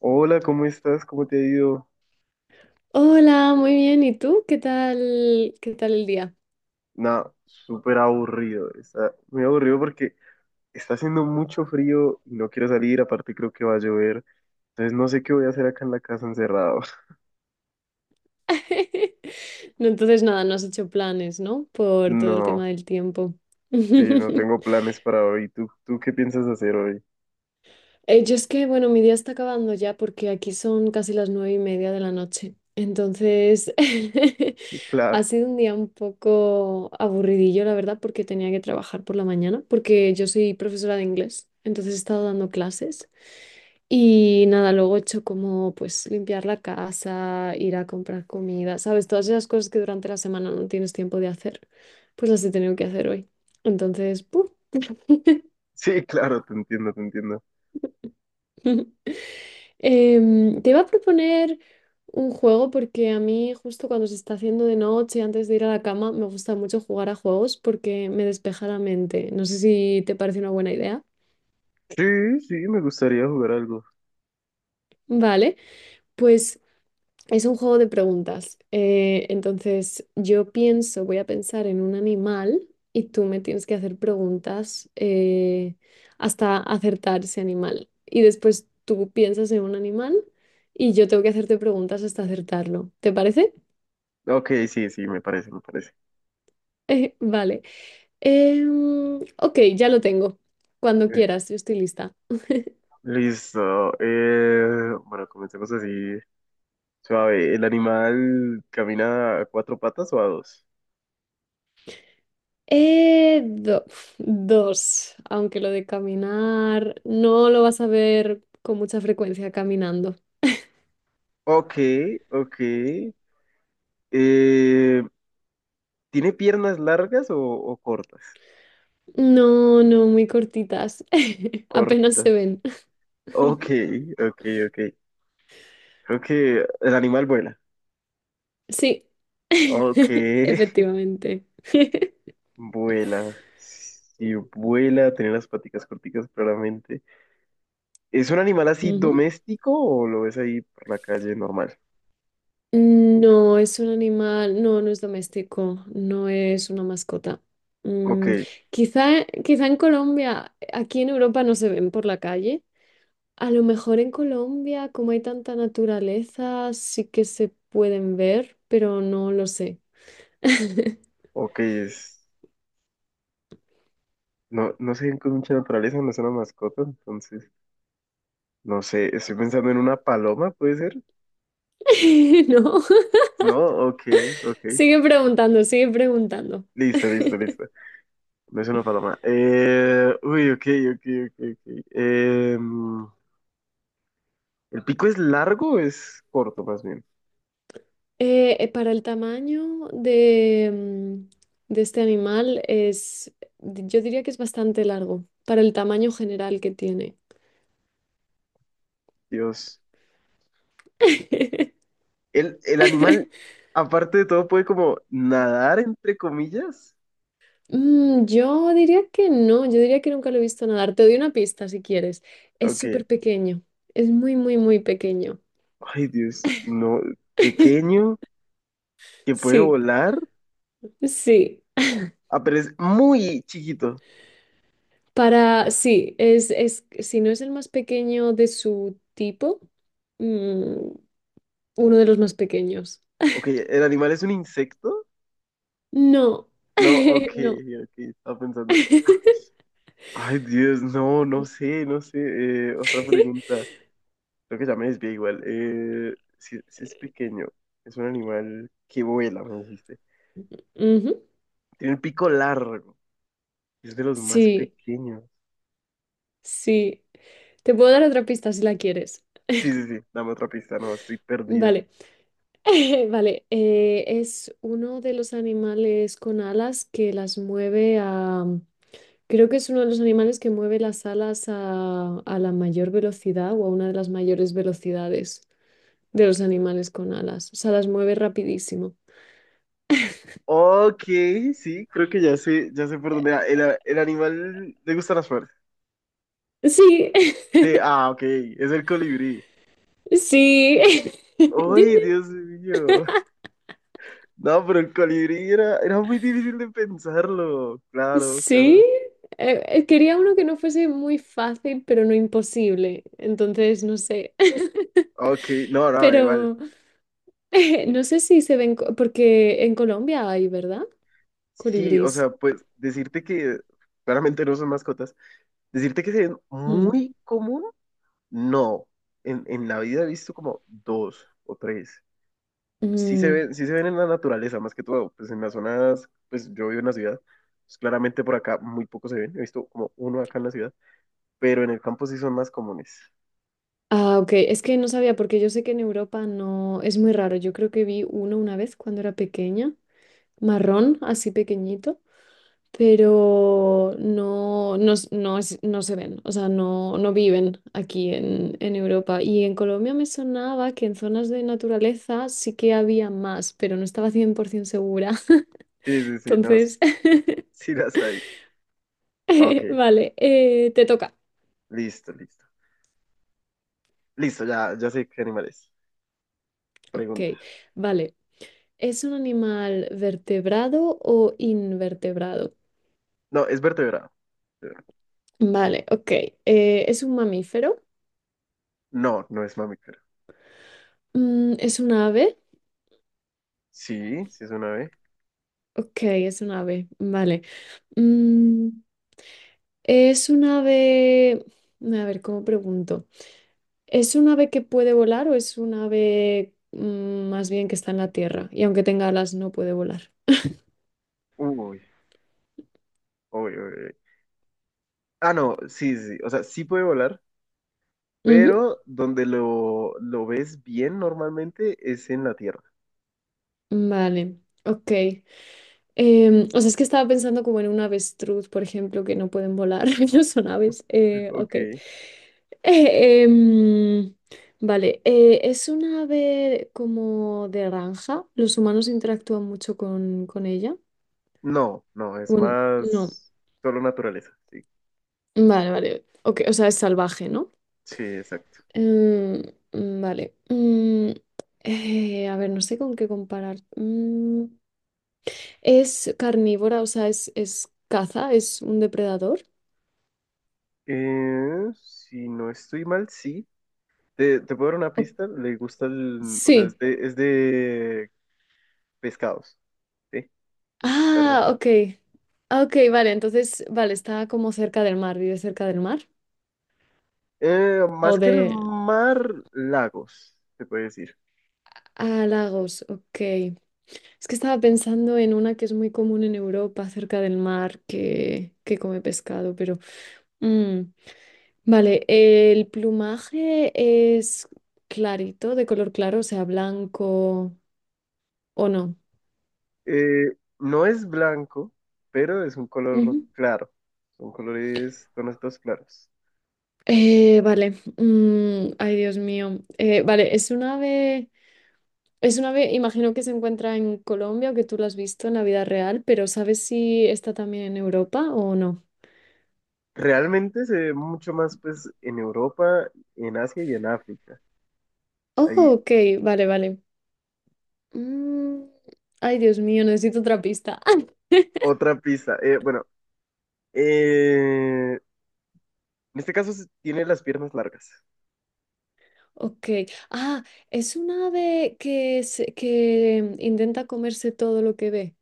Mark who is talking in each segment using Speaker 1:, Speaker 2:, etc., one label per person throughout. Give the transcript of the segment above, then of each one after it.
Speaker 1: Hola, ¿cómo estás? ¿Cómo te ha ido?
Speaker 2: Hola, muy bien. ¿Y tú? ¿Qué tal? ¿Qué tal el día?
Speaker 1: Nada, súper aburrido. Está muy aburrido porque está haciendo mucho frío y no quiero salir. Aparte, creo que va a llover. Entonces, no sé qué voy a hacer acá en la casa encerrado.
Speaker 2: No, entonces nada, no has hecho planes, ¿no? Por todo el
Speaker 1: No,
Speaker 2: tema del tiempo.
Speaker 1: sí, no tengo planes para hoy. ¿Tú ¿qué piensas hacer hoy?
Speaker 2: Yo es que, bueno, mi día está acabando ya porque aquí son casi las 9:30 de la noche. Entonces, ha
Speaker 1: Claro.
Speaker 2: sido un día un poco aburridillo, la verdad, porque tenía que trabajar por la mañana, porque yo soy profesora de inglés, entonces he estado dando clases. Y nada, luego he hecho como pues limpiar la casa, ir a comprar comida, ¿sabes? Todas esas cosas que durante la semana no tienes tiempo de hacer, pues las he tenido que hacer hoy. Entonces, ¡puf!
Speaker 1: Sí, claro, te entiendo, te entiendo.
Speaker 2: Te iba a proponer un juego porque a mí justo cuando se está haciendo de noche, antes de ir a la cama, me gusta mucho jugar a juegos porque me despeja la mente. No sé si te parece una buena idea.
Speaker 1: Sí, sí, me gustaría jugar algo.
Speaker 2: Vale, pues, es un juego de preguntas. Entonces, yo pienso, voy a pensar en un animal y tú me tienes que hacer preguntas hasta acertar ese animal. Y después tú piensas en un animal y yo tengo que hacerte preguntas hasta acertarlo. ¿Te parece?
Speaker 1: Ok, sí, sí, me parece, me parece.
Speaker 2: Vale. Ok, ya lo tengo. Cuando
Speaker 1: Eh,
Speaker 2: quieras, yo estoy lista.
Speaker 1: Listo. Bueno, comencemos así. Suave, ¿el animal camina a cuatro patas o a dos?
Speaker 2: Eh, do- Dos, aunque lo de caminar no lo vas a ver con mucha frecuencia caminando.
Speaker 1: Ok, ok. Eh, ¿Tiene piernas largas o cortas?
Speaker 2: No, no, muy cortitas. Apenas se
Speaker 1: Corta.
Speaker 2: ven.
Speaker 1: Ok, ok, ok. Creo que el animal vuela.
Speaker 2: Sí,
Speaker 1: Ok.
Speaker 2: efectivamente.
Speaker 1: Vuela. Si vuela, tiene las paticas corticas claramente. ¿Es un animal así
Speaker 2: Ujú.
Speaker 1: doméstico o lo ves ahí por la calle normal?
Speaker 2: No, es un animal, no, no es doméstico, no es una mascota.
Speaker 1: Ok,
Speaker 2: Mm, Quizá, quizá en Colombia, aquí en Europa no se ven por la calle. A lo mejor en Colombia, como hay tanta naturaleza, sí que se pueden ver, pero no lo sé.
Speaker 1: ok, es... No, no sé, con mucha naturaleza, no es una mascota, entonces... No sé, estoy pensando en una paloma, ¿puede ser?
Speaker 2: No,
Speaker 1: No, ok, ok.
Speaker 2: sigue preguntando, sigue preguntando.
Speaker 1: Listo, listo, listo. No es una paloma. Ok, ok, ok, ok. ¿El pico es largo o es corto, más bien?
Speaker 2: Para el tamaño de este animal es, yo diría que es bastante largo, para el tamaño general que tiene.
Speaker 1: Dios. ¿El animal, aparte de todo, ¿puede como nadar, entre comillas?
Speaker 2: Yo diría que no, yo diría que nunca lo he visto nadar. Te doy una pista si quieres. Es
Speaker 1: Ok.
Speaker 2: súper pequeño, es muy, muy, muy pequeño.
Speaker 1: Ay, Dios, no. Pequeño, que puede
Speaker 2: Sí,
Speaker 1: volar.
Speaker 2: sí.
Speaker 1: Ah, pero es muy chiquito.
Speaker 2: Para, sí, es, si no es el más pequeño de su tipo, mm, uno de los más pequeños.
Speaker 1: Ok, ¿el animal es un insecto?
Speaker 2: No,
Speaker 1: No, ok,
Speaker 2: no.
Speaker 1: ok, estaba pensando. Ay, Dios, no, no sé, no sé. Otra pregunta. Creo que ya me desvié igual. Si es pequeño, es un animal que vuela, me dijiste.
Speaker 2: Ujú.
Speaker 1: Tiene un pico largo. Es de los más
Speaker 2: Sí,
Speaker 1: pequeños.
Speaker 2: sí. Te puedo dar otra pista si la quieres.
Speaker 1: Sí, sí, sí. Dame otra pista, no, estoy perdido.
Speaker 2: Vale, vale. Es uno de los animales con alas que las mueve a... Creo que es uno de los animales que mueve las alas a la mayor velocidad o a una de las mayores velocidades de los animales con alas. O sea, las mueve rapidísimo.
Speaker 1: Ok, sí, creo que ya sé por dónde va. El animal, le gustan las flores.
Speaker 2: Sí,
Speaker 1: Sí, ah, ok, es el colibrí.
Speaker 2: sí. Din,
Speaker 1: ¡Ay,
Speaker 2: din,
Speaker 1: Dios mío! No, pero el colibrí era, era muy difícil de pensarlo. Claro, claro.
Speaker 2: sí, quería uno que no fuese muy fácil, pero no imposible. Entonces, no sé.
Speaker 1: Ok, no, no, igual.
Speaker 2: Pero no sé si se ven, porque en Colombia hay, ¿verdad?
Speaker 1: Sí, o
Speaker 2: Colibrís.
Speaker 1: sea, pues decirte que claramente no son mascotas, decirte que se ven
Speaker 2: Mm.
Speaker 1: muy común, no. En la vida he visto como dos o tres.
Speaker 2: Mm.
Speaker 1: Sí se ven en la naturaleza, más que todo, pues en las zonas, pues yo vivo en la ciudad, pues claramente por acá muy pocos se ven, he visto como uno acá en la ciudad, pero en el campo sí son más comunes.
Speaker 2: Ah, ok. Es que no sabía, porque yo sé que en Europa no, es muy raro. Yo creo que vi uno una vez cuando era pequeña, marrón, así pequeñito. Pero no, no, s- no, es- no se ven, o sea, no, no viven aquí en, Europa. Y en Colombia me sonaba que en zonas de naturaleza sí que había más, pero no estaba 100% segura.
Speaker 1: Sí, sí, sí, no, sí,
Speaker 2: Entonces,
Speaker 1: sí las hay. Ok,
Speaker 2: vale, te toca.
Speaker 1: listo, listo. Listo, ya, ya sé qué animal es.
Speaker 2: Ok,
Speaker 1: Pregunta.
Speaker 2: vale. ¿Es un animal vertebrado o invertebrado?
Speaker 1: No, es vertebrado.
Speaker 2: Vale, ok. ¿Es un mamífero?
Speaker 1: No, no es mamífero.
Speaker 2: ¿Es un ave?
Speaker 1: Sí, sí es una ave.
Speaker 2: Ok, es un ave, vale. Mm, ¿Es un ave, a ver, cómo pregunto? ¿Es un ave que puede volar o es un ave, más bien que está en la tierra y aunque tenga alas no puede volar?
Speaker 1: Uy, uy, uy, uy. Ah, no, sí, sí, sí. O sea, sí puede volar,
Speaker 2: Ujú.
Speaker 1: pero donde lo ves bien normalmente es en la tierra.
Speaker 2: Vale, ok. O sea, es que estaba pensando como en un avestruz, por ejemplo, que no pueden volar, no son aves.
Speaker 1: Ok.
Speaker 2: Ok. Eh, em, vale, ¿es un ave como de granja? ¿Los humanos interactúan mucho con ella?
Speaker 1: No, no, es
Speaker 2: Bueno, no.
Speaker 1: más solo naturaleza. Sí,
Speaker 2: Vale, vale. Ok, o sea, es salvaje, ¿no?
Speaker 1: sí, exacto.
Speaker 2: Em, vale. A ver, no sé con qué comparar. Es carnívora, o sea, es caza, es un depredador.
Speaker 1: Si no estoy mal, sí. Te puedo dar una
Speaker 2: O-
Speaker 1: pista. Le gusta el. O sea, es
Speaker 2: sí.
Speaker 1: de, es de pescados. Sí. De cazar.
Speaker 2: Ah, ok. Ah, ok, vale, entonces, vale, está como cerca del mar, vive cerca del mar. O
Speaker 1: Más que
Speaker 2: de...
Speaker 1: el mar, lagos, se puede decir.
Speaker 2: Ah, lagos, ok. Es que estaba pensando en una que es muy común en Europa, cerca del mar, que come pescado, pero... mm. Vale, el plumaje es clarito, de color claro, o sea, blanco o no.
Speaker 1: No es blanco, pero es un color
Speaker 2: Ujú.
Speaker 1: claro. Son colores, tonos todos claros.
Speaker 2: Vale, ay Dios mío. Vale, es un ave, imagino que se encuentra en Colombia o que tú lo has visto en la vida real, pero ¿sabes si está también en Europa o no?
Speaker 1: Realmente se ve mucho más pues en Europa, en Asia y en África.
Speaker 2: Oh,
Speaker 1: Hay
Speaker 2: ok, vale, vale. Mm, Ay Dios mío, necesito otra pista.
Speaker 1: otra pista. Bueno, eh, en este caso se- tiene las piernas largas.
Speaker 2: Ok, ah, es un ave que intenta comerse todo lo que ve.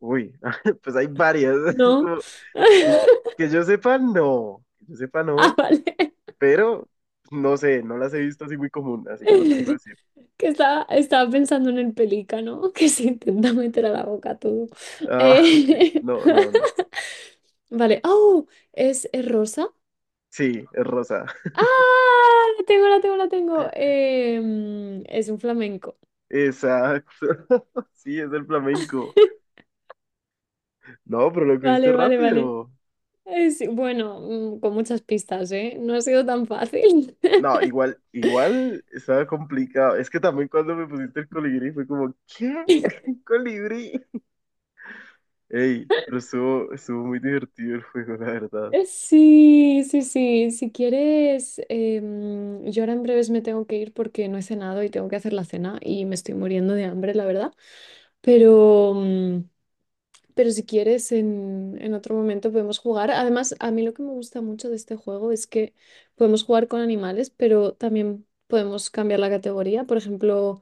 Speaker 1: Uy. Pues hay varias. Es
Speaker 2: No.
Speaker 1: como, eh, que yo sepa, no. Que yo sepa,
Speaker 2: Ah,
Speaker 1: no.
Speaker 2: vale.
Speaker 1: Pero no sé, no las he visto así muy común, así que no te puedo decir.
Speaker 2: Que estaba pensando en el pelícano que se intenta meter a la boca todo.
Speaker 1: Ah. Ok.
Speaker 2: Eh,
Speaker 1: No, no, no.
Speaker 2: Vale. ¡Oh! Es rosa?
Speaker 1: Sí, es rosa.
Speaker 2: ¡Ah! La tengo, la tengo, la tengo. Es un flamenco.
Speaker 1: Exacto. Sí, es el flamenco. No, pero lo que viste
Speaker 2: Vale, vale, vale.
Speaker 1: rápido.
Speaker 2: Es, bueno, con muchas pistas, ¿eh? No ha sido tan fácil.
Speaker 1: No, igual, igual estaba complicado. Es que también cuando me pusiste el colibrí fue como, ¿qué? ¿Colibrí? Ey, pero estuvo, estuvo muy divertido el juego, la verdad.
Speaker 2: Sí, sí, sí. Si quieres, yo ahora en breves me tengo que ir porque no he cenado y tengo que hacer la cena y me estoy muriendo de hambre, la verdad. Pero, pero si quieres, en, otro momento podemos jugar. Además, a mí lo que me gusta mucho de este juego es que podemos jugar con animales, pero también podemos cambiar la categoría, por ejemplo,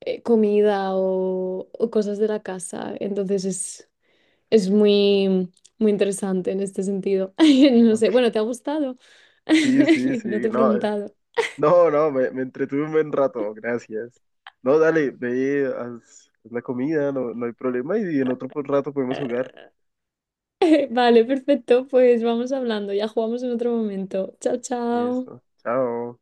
Speaker 2: comida o cosas de la casa. Entonces es muy, muy interesante en este sentido. No sé,
Speaker 1: Ok.
Speaker 2: bueno, ¿te ha gustado?
Speaker 1: Sí, sí, sí.
Speaker 2: No te he
Speaker 1: No,
Speaker 2: preguntado.
Speaker 1: no, no, me entretuve un buen rato, gracias. No, dale, ve, haz, haz la comida, no, no hay problema. Y en otro rato podemos jugar.
Speaker 2: Vale, perfecto, pues vamos hablando, ya jugamos en otro momento. Chao,
Speaker 1: Y esto.
Speaker 2: chao.
Speaker 1: Chao.